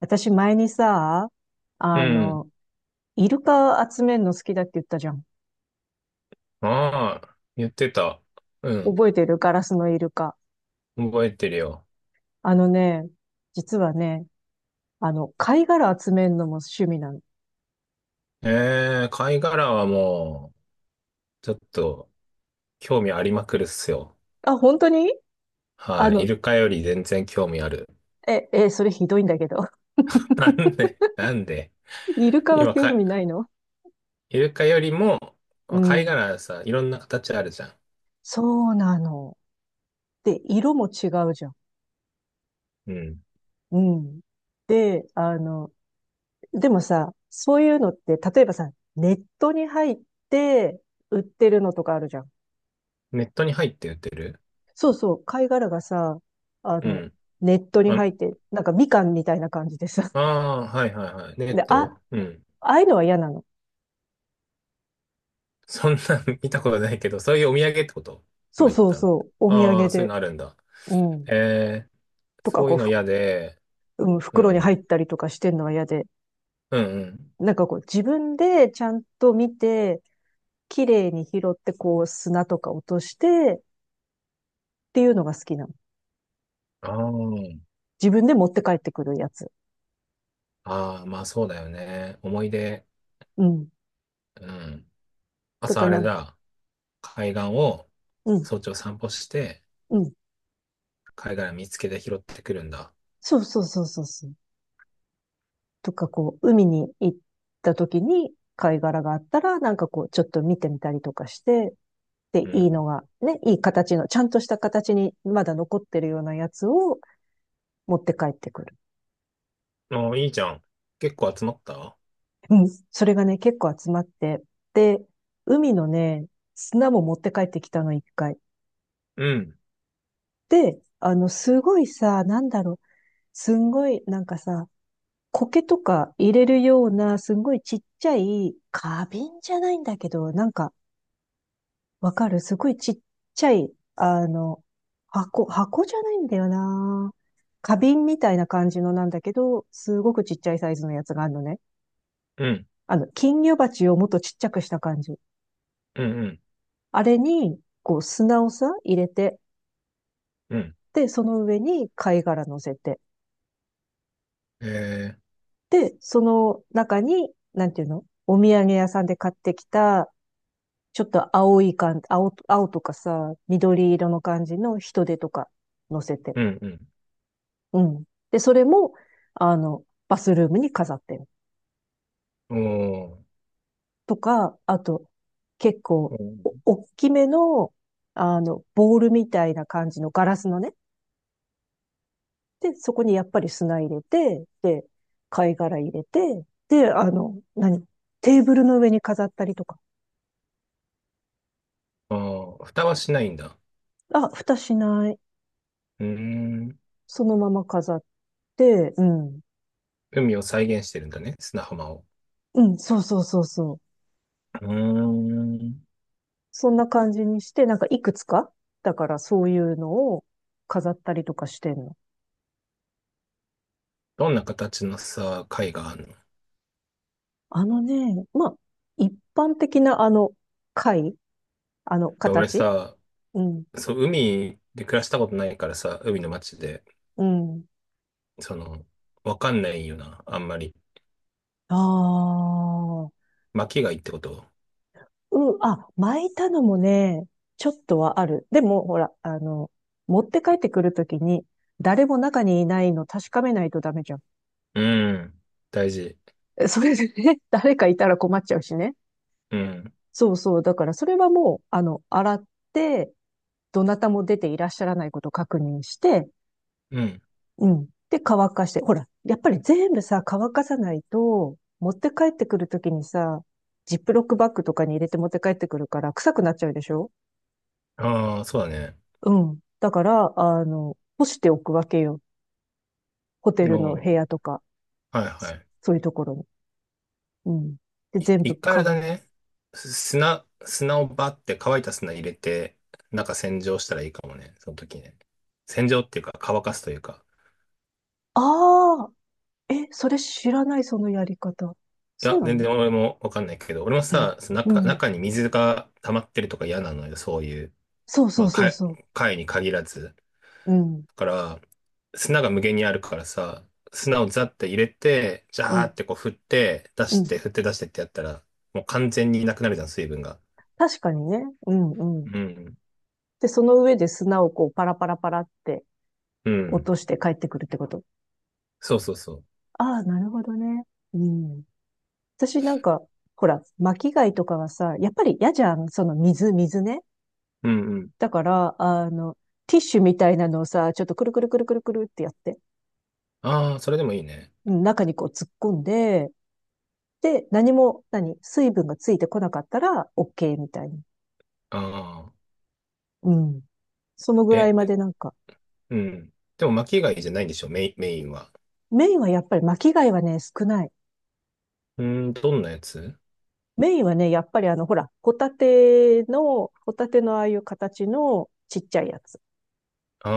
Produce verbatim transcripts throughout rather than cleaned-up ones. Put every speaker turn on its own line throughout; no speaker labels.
私前にさ、
う
あ
ん。
の、イルカ集めるの好きだって言ったじゃん。
ああ、言ってた。うん。
覚えてるガラスのイルカ。
覚えてるよ。
あのね、実はね、あの、貝殻集めるのも趣味なの。
ええ、貝殻はもう、ちょっと、興味ありまくるっすよ。
あ、本当にあ
はい。イ
の、
ルカより全然興味ある。
え、え、それひどいんだけど。
な んで、なんで。
イルカは
今、
興
か、
味ないの？
イルカよりも、
う
貝
ん。
殻さ、いろんな形あるじゃん。
そうなの。で、色も違うじゃん。
うん。
うん。で、あの、でもさ、そういうのって、例えばさ、ネットに入って売ってるのとかあるじゃん。
ネットに入って売ってる、
そうそう、貝殻がさ、あ
う
の、
ん。
ネットに
あ、
入って、なんかみかんみたいな感じでさ。
ああはいはいはい。ネ
で、
ッ
あ、
ト、うん。
ああいうのは嫌なの。
そんなん 見たことないけど、そういうお土産ってこと
そ
今
う
言っ
そう
たの。
そう、お土
あ
産
あ、そういう
で。
のあるんだ。
うん。
ええ、
とか、
そう
こ
いう
う、
の
ふ、
嫌で、
うん、
う
袋に入
ん、
ったりとかしてんのは嫌で。
うん、うん。
なんかこう、自分でちゃんと見て、綺麗に拾って、こう、砂とか落として、っていうのが好きなの。
あー、
自分で持って帰ってくるやつ。
あー、まあそうだよね。思い出、
うん。
うん。
と
朝
か
あ
な
れ
ん、
だ、海岸を
うん、
早朝散歩して、
うん。
貝殻見つけて拾ってくるんだ。
そうそうそうそうそう。とか、こう、海に行った時に貝殻があったら、なんかこう、ちょっと見てみたりとかして、で、
う
いい
ん。
のが、ね、いい形の、ちゃんとした形にまだ残ってるようなやつを持って帰ってくる。
ああ、いいじゃん。結構集まった、
うん。それがね、結構集まって、で、海のね、砂も持って帰ってきたの、一回。
うん、
で、あの、すごいさ、なんだろう、すんごい、なんかさ、苔とか入れるような、すんごいちっちゃい、花瓶じゃないんだけど、なんか、わかる。すごいちっちゃい、あの、箱、箱じゃないんだよな。花瓶みたいな感じのなんだけど、すごくちっちゃいサイズのやつがあるのね。
うん、
あの、金魚鉢をもっとちっちゃくした感じ。
うん、うん、
あれに、こう、砂をさ、入れて、
うん。
で、その上に貝殻乗せて、
えー、
で、その中に、なんていうのお土産屋さんで買ってきた、ちょっと青い感、青、青とかさ、緑色の感じの人手とか乗せて。
うん、
うん。で、それも、あの、バスルームに飾ってる。
うん。おー、
とか、あと、結
う
構、
ん、
お、大きめの、あの、ボールみたいな感じのガラスのね。で、そこにやっぱり砂入れて、で、貝殻入れて、で、あの、何テーブルの上に飾ったりとか。
ああ、蓋はしないんだ。
あ、蓋しない。
うーん。
そのまま飾って、うん。
海を再現してるんだね、砂浜を。
うん、そうそうそうそう。
うーん。
そんな感じにして、なんかいくつか、だからそういうのを飾ったりとかしてんの。
どんな形のさ、貝がある。
あのね、まあ、一般的なあの、貝あの、
や、俺
形。
さ、
うん、
そう、海で暮らしたことないからさ、海の街で、
うん。
その、わかんないよな、あんまり。
ああ、
巻きがいいってこと。
うん、あ、巻いたのもね、ちょっとはある。でも、ほら、あの、持って帰ってくるときに、誰も中にいないの確かめないとダメじゃん。
うん。大事。
えそれでね、誰かいたら困っちゃうしね。
うん。
そうそう。だから、それはもう、あの、洗って、どなたも出ていらっしゃらないことを確認して、
うん。
うん。で、乾かして。ほら、やっぱり全部さ、乾かさないと、持って帰ってくるときにさ、ジップロックバッグとかに入れて持って帰ってくるから、臭くなっちゃうでしょ？
ああ、そうだね。
うん。だから、あの、干しておくわけよ。ホテ
う、
ルの部
は
屋とか、
いはい。
そういうところに。うん。で、
い
全
一
部
回あれ
乾
だ
く。
ね。す砂、砂をバって乾いた砂入れて、中洗浄したらいいかもね、その時ね。洗浄っていうか乾かすというか。
ああ、え、それ知らない、そのやり方。
い
そう
や、
な
全
の？
然俺もわかんないけど、俺もさ、その
う
中、
ん。
中に水が溜まってるとか嫌なのよ、そういう。
そうそ
ま
う
あ、
そう
貝
そ
貝に限らず。
う。うん。
だから、砂が無限にあるからさ、砂をザって入れて、ジャ
う
ー
ん。
ってこう振って、出
う
し
ん。
て、振って出してってやったら、もう完全になくなるじゃん、水分が。
確かにね。うんう
う
ん。
ん。
で、その上で砂をこう、パラパラパラって
う
落
ん。
として帰ってくるってこと？
そうそうそう。
ああ、なるほどね。うん。私なんか、ほら、巻き貝とかはさ、やっぱり嫌じゃん。その水、水ね。
うんうん。
だから、あの、ティッシュみたいなのをさ、ちょっとくるくるくるくるくるってやって、
ああ、それでもいいね。
うん中にこう突っ込んで、で、何も、何、水分がついてこなかったら、オーケー みたいに。
ああ。
うん。そのぐら
え、
いま
え、
でなんか、
うん。でも巻き貝じゃないんでしょ、メイン、メインは。
メインはやっぱり巻き貝はね、少ない。
うーん、どんなやつ。
メインはね、やっぱりあの、ほら、ホタテの、ホタテのああいう形のちっちゃいやつ。
あ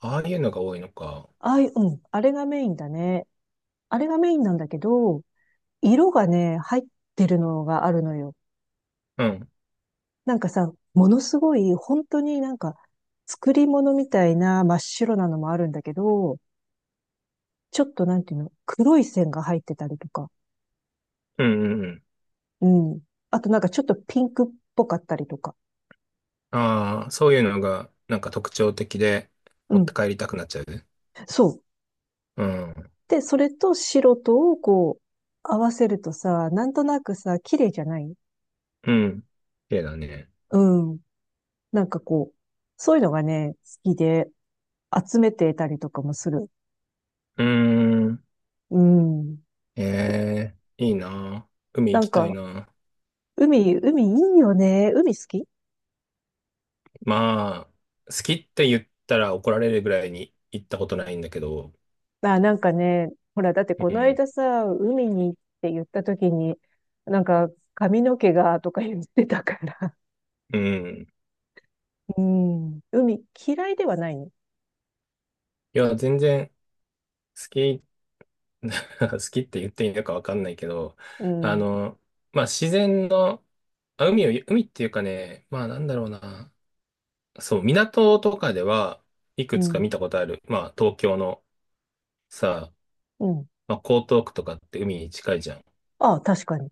あー、ああいうのが多いのか。
ああいう、うん、あれがメインだね。あれがメインなんだけど、色がね、入ってるのがあるのよ。
うん。
なんかさ、ものすごい、本当になんか、作り物みたいな真っ白なのもあるんだけど、ちょっとなんていうの、黒い線が入ってたりとか、
うんうんうん。
うん。あとなんかちょっとピンクっぽかったりとか、
ああ、そういうのがなんか特徴的で
う
持って
ん。
帰りたくなっちゃう。
そう。
うん。
で、それと白とをこう、合わせるとさ、なんとなくさ、綺麗じゃない？
うん。綺麗だね。
うん。なんかこう、そういうのがね、好きで、集めていたりとかもする。
うーん。
うん。
ええ、いいな。海
な
行
ん
きたい
か、
な。
海、海いいよね。海好き？
まあ、好きって言ったら怒られるぐらいに行ったことないんだけど。
あ、なんかね、ほら、だって
う
この
ん。
間さ、海にって言った時に、なんか、髪の毛がとか言ってたから。
うん。
うん。海嫌いではないの。
いや、全然好き、好きって言っていいのかわかんないけど、
う
あ
ん。
の、まあ自然の、あ、海を、海っていうかね、まあなんだろうな。そう、港とかでは、い
う
くつか
ん。
見たことある。まあ、東京のさ、
うん。
まあ、江東区とかって海に近いじゃん。
ああ、確かに。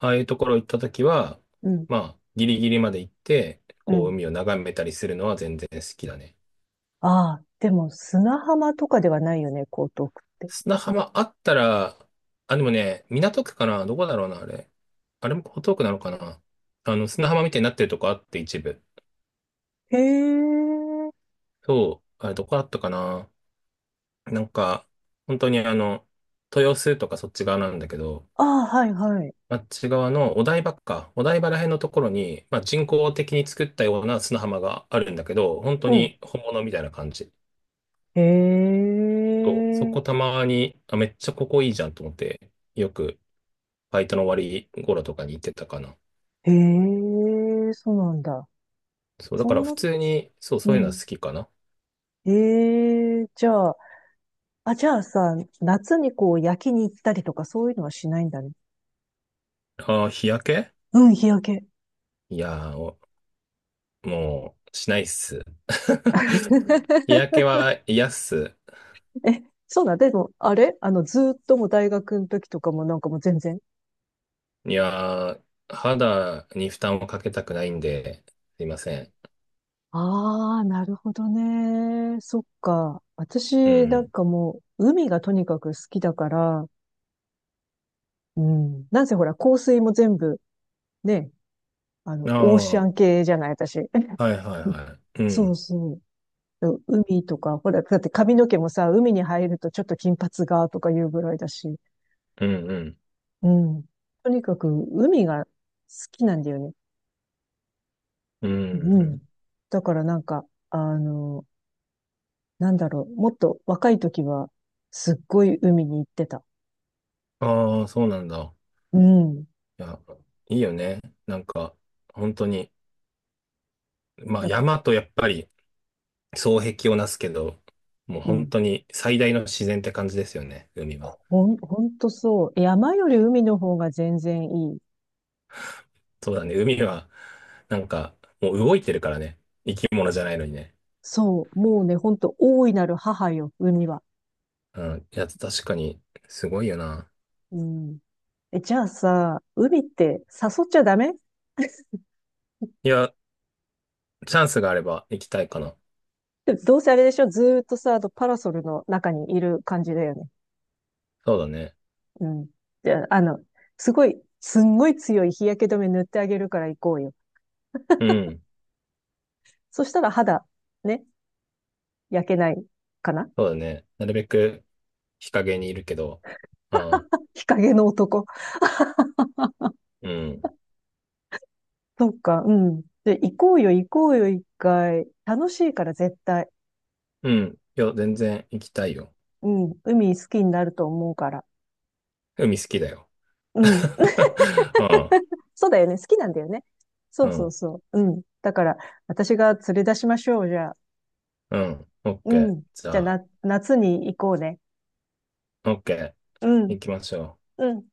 ああいうところ行ったときは、
うん。
まあ、ギリギリまで行って、
う
こう、
ん。
海を眺めたりするのは全然好きだね。
ああ、でも砂浜とかではないよね、江東区って。
砂浜あったら、あ、でもね、港区かなどこだろうな、あれ。あれも江東区なのかな。あの、砂浜みたいになってるとこあって、一部。
へえ。
そう、あれどこだったかな。なんか、本当にあの、豊洲とかそっち側なんだけど、
ああ、はいはい。
あっち側のお台場か、お台場ら辺のところに、まあ、人工的に作ったような砂浜があるんだけど、本当
うん。
に本物みたいな感じ。
へ
と、そ
え。
こたまに、あ、めっちゃここいいじゃんと思って、よくバイトの終わり頃とかに行ってたかな。
へえ、そうなんだ。
そう、だ
そ
から
ん
普
な、
通に、そう、そ
う
ういうのは
ん。
好きかな。
ええ、じゃあ、あ、じゃあさ、夏にこう焼きに行ったりとかそういうのはしないんだね。
ああ、日焼け。
うん、日焼け。
いやー、お、もう、しないっす。日焼けは嫌っす。
え、そうだ。でも、あれあの、ずーっともう大学の時とかもなんかもう全然。
いやー、肌に負担をかけたくないんで、すいません。
ああ、なるほどね。そっか。
う
私、なん
ん。
かもう、海がとにかく好きだから、うん。なんせほら、香水も全部、ね、あ
あ
の、オーシャン
あ。
系じゃない、私。
はいはい はい。う
そ
ん。
うそう。そう海とか、ほら、だって髪の毛もさ、海に入るとちょっと金髪がとかいうぐらいだし、
うんうん。
うん。とにかく海が好きなんだよね。
う
う
んう
ん。
ん。
だからなんか、あの、なんだろう、もっと若い時は、すっごい海に行ってた。
ああ、そうなんだ。
うん。
いや、いいよね。なんか、本当に、まあ
なんか、
山とやっぱり双璧をなすけど、もう
う
本
ん。
当に最大の自然って感じですよね、海は。
ほん、ほんとそう。山より海の方が全然いい。
そうだね、海は、なんか、もう動いてるからね。生き物じゃないのにね。
そう。もうね、ほんと、大いなる母よ、海は。
うん。いや、確かに、すごいよな。
うん。え、じゃあさ、海って誘っちゃダメ？
いや、チャンスがあれば行きたいかな。
でもどうせあれでしょ？ずーっとさ、あのパラソルの中にいる感じだよね。
そうだね。
うん。じゃあ、あの、すごい、すんごい強い日焼け止め塗ってあげるから行こうよ。
うん。
そしたら肌、ね、焼けないかな？
そうだね。なるべく日陰にいるけど、うん。
日陰の男。
うん。
そっか、うん。で、行こうよ、行こうよ、一回。楽しいから絶対。
うん。いや、全然行きたいよ。
うん。海好きになると思うから。
海好きだよ。
うん。そうだよね。好きなんだよね。そ
う
う
ん。う
そう
ん。
そう。うん。だから、私が連れ出しましょう、じゃあ。
うん。オッ
う
ケー。
ん。
じ
じゃあ、
ゃあ、
な、夏に行こうね。
オッケー。
うん、
行きましょう。
うん。